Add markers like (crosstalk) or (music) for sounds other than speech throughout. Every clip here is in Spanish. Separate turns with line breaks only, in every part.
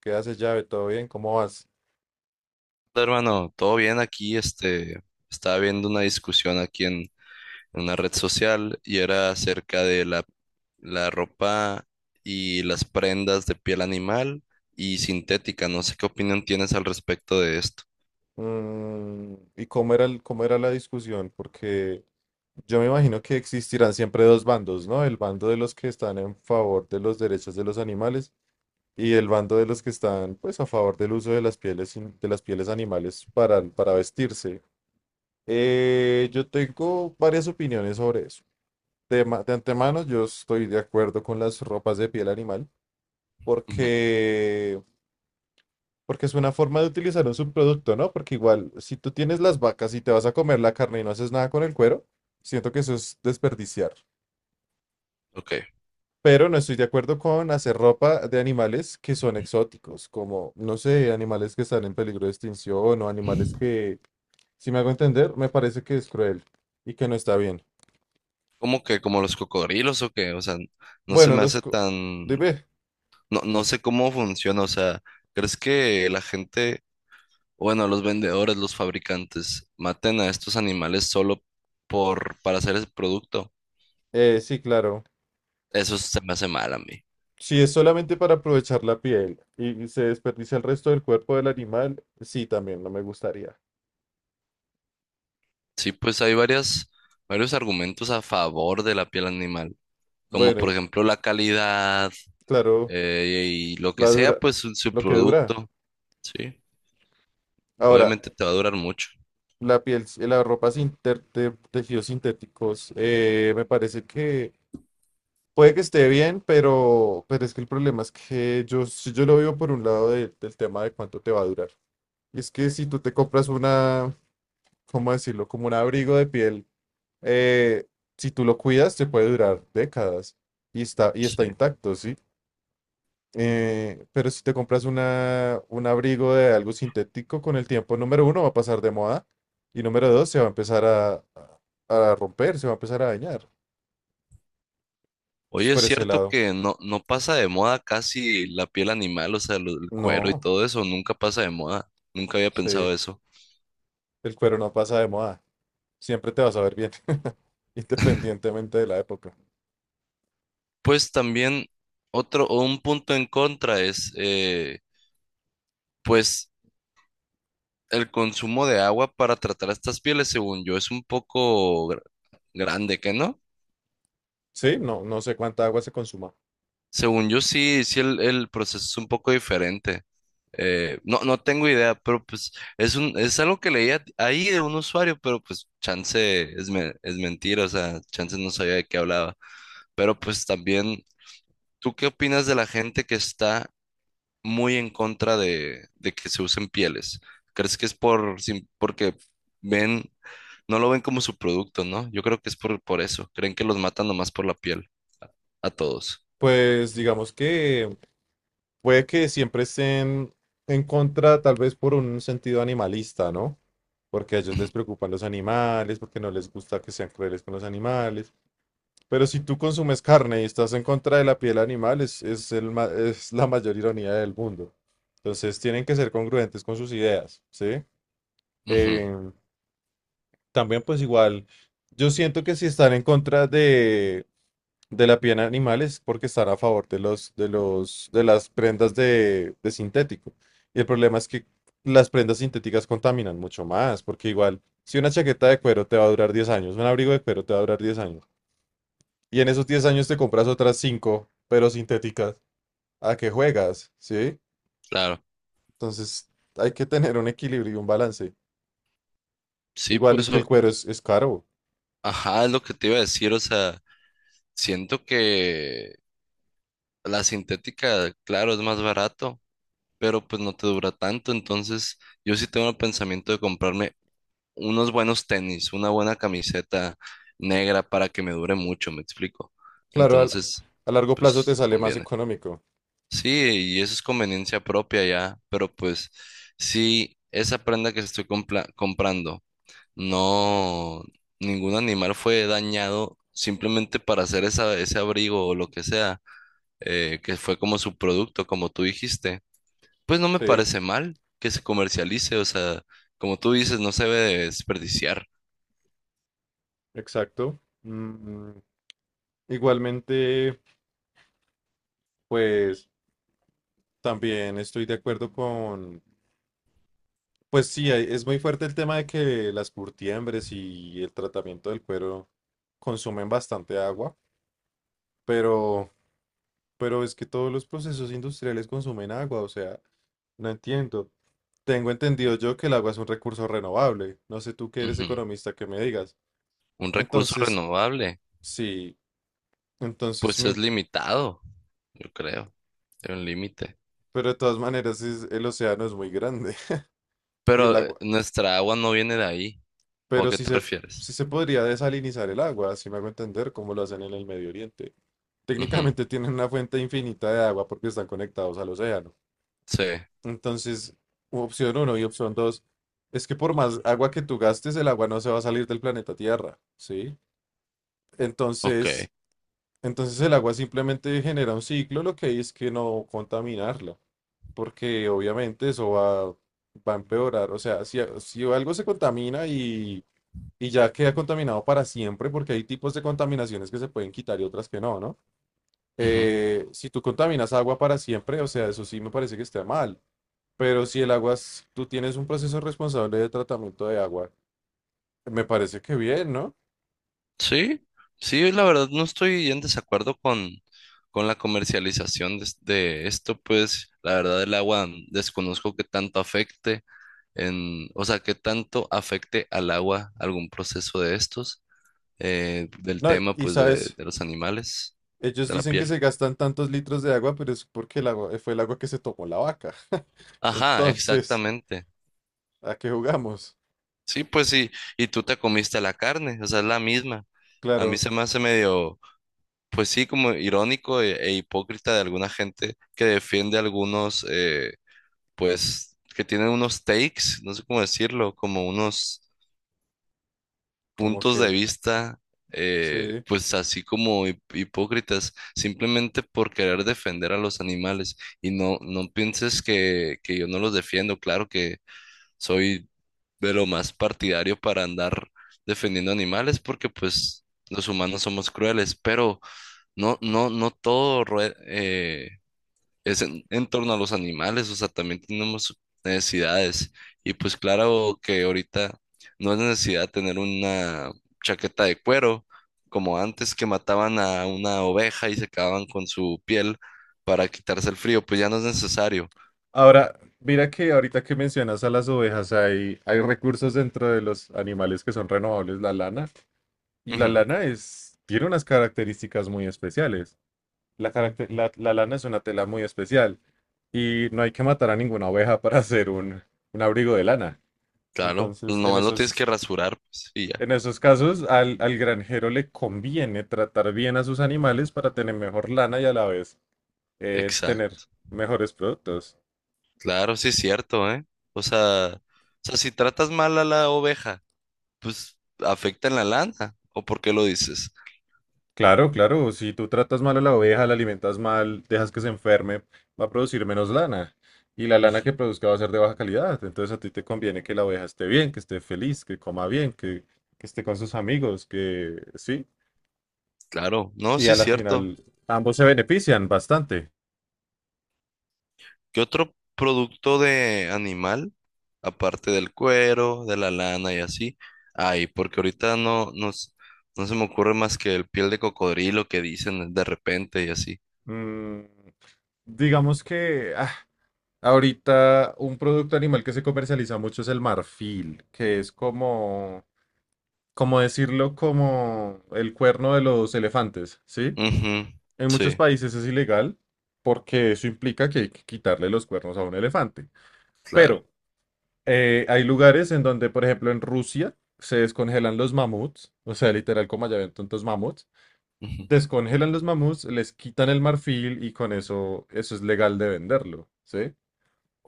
¿Qué haces, llave? ¿Todo bien? ¿Cómo vas?
Hola, Hermano, todo bien aquí, estaba viendo una discusión aquí en una red social y era acerca de la ropa y las prendas de piel animal y sintética. No sé qué opinión tienes al respecto de esto.
¿Y cómo era cómo era la discusión? Porque yo me imagino que existirán siempre dos bandos, ¿no? El bando de los que están en favor de los derechos de los animales y el bando de los que están, pues, a favor del uso de las pieles, de las pieles animales para vestirse. Yo tengo varias opiniones sobre eso. De antemano, yo estoy de acuerdo con las ropas de piel animal
Ujú.
porque porque es una forma de utilizar un subproducto, ¿no? Porque igual, si tú tienes las vacas y te vas a comer la carne y no haces nada con el cuero, siento que eso es desperdiciar.
Ok.
Pero no estoy de acuerdo con hacer ropa de animales que son exóticos, como, no sé, animales que están en peligro de extinción o animales que, si me hago entender, me parece que es cruel y que no está bien.
¿Cómo que como los cocodrilos o qué? O sea, no se
Bueno,
me hace tan.
dime.
No, no sé cómo funciona. O sea, ¿crees que la gente? Bueno, los vendedores, los fabricantes, maten a estos animales solo para hacer ese producto.
Sí, claro.
Eso se me hace mal a mí.
Si es solamente para aprovechar la piel y se desperdicia el resto del cuerpo del animal, sí, también no me gustaría.
Sí, pues hay varios argumentos a favor de la piel animal, como
Bueno,
por
y
ejemplo la calidad,
claro,
y lo que
la
sea,
dura,
pues su
lo que dura.
producto. Sí,
Ahora,
obviamente te va a durar mucho.
la piel, la ropa sin ter- de tejidos sintéticos, me parece que puede que esté bien, pero es que el problema es que yo, si yo lo veo por un lado del tema de cuánto te va a durar. Y es que si tú te compras ¿cómo decirlo? Como un abrigo de piel, eh, si tú lo cuidas, te puede durar décadas y está
Sí.
intacto, ¿sí? Pero si te compras una, un abrigo de algo sintético, con el tiempo, número uno, va a pasar de moda y número dos, se va a empezar a romper, se va a empezar a dañar. Entonces,
Oye, es
por ese
cierto
lado,
que no pasa de moda casi la piel animal, o sea, el cuero y
no,
todo eso, nunca pasa de moda. Nunca había
sí,
pensado eso.
el cuero no pasa de moda. Siempre te vas a ver bien, (laughs) independientemente de la época.
Pues también otro o un punto en contra es, pues el consumo de agua para tratar estas pieles, según yo, es un poco grande, ¿qué no?
Sí, no, no sé cuánta agua se consuma.
Según yo sí, el proceso es un poco diferente. No tengo idea, pero pues es algo que leía ahí de un usuario, pero pues chance es mentira, o sea, chance no sabía de qué hablaba. Pero pues también, ¿tú qué opinas de la gente que está muy en contra de que se usen pieles? ¿Crees que es porque ven, no lo ven como su producto, ¿no? Yo creo que es por eso. Creen que los matan nomás por la piel, a todos.
Pues digamos que puede que siempre estén en contra, tal vez por un sentido animalista, ¿no? Porque a ellos les preocupan los animales, porque no les gusta que sean crueles con los animales. Pero si tú consumes carne y estás en contra de la piel animal, es la mayor ironía del mundo. Entonces tienen que ser congruentes con sus ideas, ¿sí?
Ujú,
Eh, también pues igual, yo siento que si están en contra de la piel animal es porque están a favor de de las prendas de sintético. Y el problema es que las prendas sintéticas contaminan mucho más, porque igual, si una chaqueta de cuero te va a durar 10 años, un abrigo de cuero te va a durar 10 años, y en esos 10 años te compras otras cinco pero sintéticas, ¿a qué juegas? ¿Sí?
claro.
Entonces hay que tener un equilibrio y un balance.
Sí,
Igual
pues,
es que el cuero es caro.
ajá, es lo que te iba a decir. O sea, siento que la sintética, claro, es más barato, pero pues no te dura tanto. Entonces, yo sí tengo el pensamiento de comprarme unos buenos tenis, una buena camiseta negra para que me dure mucho, me explico.
Claro,
Entonces,
a largo plazo
pues
te sale más
conviene.
económico.
Sí, y eso es conveniencia propia ya, pero pues si esa prenda que estoy comprando, no, ningún animal fue dañado simplemente para hacer ese abrigo o lo que sea, que fue como su producto, como tú dijiste, pues no me
Sí,
parece mal que se comercialice, o sea, como tú dices, no se debe desperdiciar.
exacto. Igualmente. Pues también estoy de acuerdo con, pues sí, es muy fuerte el tema de que las curtiembres y el tratamiento del cuero consumen bastante agua, pero, pero es que todos los procesos industriales consumen agua, o sea, no entiendo. Tengo entendido yo que el agua es un recurso renovable. No sé tú que eres
Ujú.
economista que me digas.
Un recurso
Entonces,
renovable,
sí, entonces,
pues es
mi-
limitado, yo creo. Hay un límite.
pero de todas maneras el océano es muy grande (laughs) y el
Pero
agua.
nuestra agua no viene de ahí. ¿O a
Pero
qué te refieres?
sí se podría desalinizar el agua, si me hago entender cómo lo hacen en el Medio Oriente.
Ujú.
Técnicamente (laughs) tienen una fuente infinita de agua porque están conectados al océano.
Sí,
Entonces, opción uno y opción dos es que por más agua que tú gastes, el agua no se va a salir del planeta Tierra, ¿sí?
ok.
Entonces, entonces el agua simplemente genera un ciclo, lo que hay es que no contaminarla, porque obviamente va a empeorar. O sea, si algo se contamina y ya queda contaminado para siempre porque hay tipos de contaminaciones que se pueden quitar y otras que no, ¿no?
Ujú.
Si tú contaminas agua para siempre, o sea, eso sí me parece que está mal, pero si el agua, tú tienes un proceso responsable de tratamiento de agua, me parece que bien, ¿no?
Sí, sí, la verdad no estoy en desacuerdo con la comercialización de esto, pues la verdad el agua, mm, desconozco qué tanto afecte en, o sea, qué tanto afecte al agua algún proceso de estos, del
No,
tema
y
pues
sabes,
de los animales,
ellos
de la
dicen que
piel.
se gastan tantos litros de agua, pero es porque el agua, fue el agua que se tomó la vaca.
Ajá,
Entonces,
exactamente.
¿a qué jugamos?
Sí, pues sí, y tú te comiste la carne, o sea, es la misma. A mí
Claro,
se me hace medio, pues sí, como irónico e hipócrita de alguna gente que defiende algunos, pues, que tienen unos takes, no sé cómo decirlo, como unos
como
puntos de
que
vista,
sí.
pues así como hipócritas, simplemente por querer defender a los animales. Y no, no pienses que yo no los defiendo, claro que soy de lo más partidario para andar defendiendo animales porque pues los humanos somos crueles, pero no todo es en torno a los animales, o sea, también tenemos necesidades y pues claro que ahorita no es necesidad tener una chaqueta de cuero como antes que mataban a una oveja y se quedaban con su piel para quitarse el frío, pues ya no es necesario.
Ahora, mira que ahorita que mencionas a las ovejas, hay recursos dentro de los animales que son renovables, la lana, y la
Ujú.
lana es, tiene unas características muy especiales. La lana es una tela muy especial y no hay que matar a ninguna oveja para hacer un abrigo de lana.
Claro,
Entonces,
nomás lo tienes que rasurar, pues, y ya.
en esos casos, al granjero le conviene tratar bien a sus animales para tener mejor lana y a la vez
Exacto.
tener mejores productos.
Claro, sí es cierto, ¿eh? O sea, si tratas mal a la oveja, pues afecta en la lana. ¿O por qué lo dices?
Claro, claro, si tú tratas mal a la oveja, la alimentas mal, dejas que se enferme, va a producir menos lana. Y la lana
Ujú.
que produzca va a ser de baja calidad. Entonces a ti te conviene que la oveja esté bien, que esté feliz, que coma bien, que esté con sus amigos, que sí.
Claro, no,
Y
sí
a
es
la
cierto.
final ambos se benefician bastante.
¿Qué otro producto de animal, aparte del cuero, de la lana y así? Ay, porque ahorita no se me ocurre más que el piel de cocodrilo que dicen de repente y así.
Mm, digamos que ahorita un producto animal que se comercializa mucho es el marfil, que es como, como decirlo, como el cuerno de los elefantes, ¿sí?
Ujú,
En muchos
sí,
países es ilegal porque eso implica que hay que quitarle los cuernos a un elefante.
claro.
Pero hay lugares en donde, por ejemplo, en Rusia se descongelan los mamuts, o sea, literal como allá ven tantos mamuts,
Ujú.
descongelan los mamuts, les quitan el marfil y con eso, eso es legal de venderlo, ¿sí?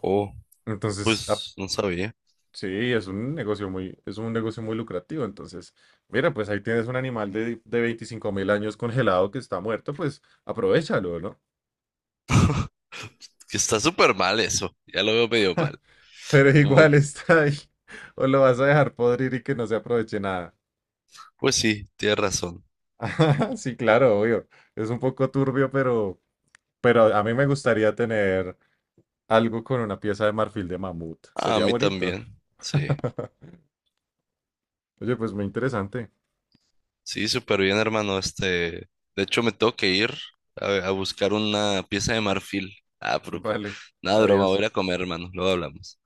Oh,
Entonces,
pues no sabía.
sí, es un negocio muy lucrativo. Entonces, mira, pues ahí tienes un animal de 25.000 años congelado que está muerto, pues aprovéchalo, ¿no?
Que está súper mal eso. Ya lo veo medio mal.
Pero igual (laughs) está ahí. O lo vas a dejar podrir y que no se aproveche nada.
Pues sí, tienes razón.
(laughs) Sí, claro, obvio. Es un poco turbio, pero a mí me gustaría tener algo con una pieza de marfil de mamut.
A
Sería
mí
bonito.
también. Sí,
Oye, pues muy interesante.
sí, súper bien, hermano. Este, de hecho, me tengo que ir a buscar una pieza de marfil. Ah, pero, pues,
Vale,
nada, broma, voy
adiós.
a ir a comer, hermano. Luego hablamos.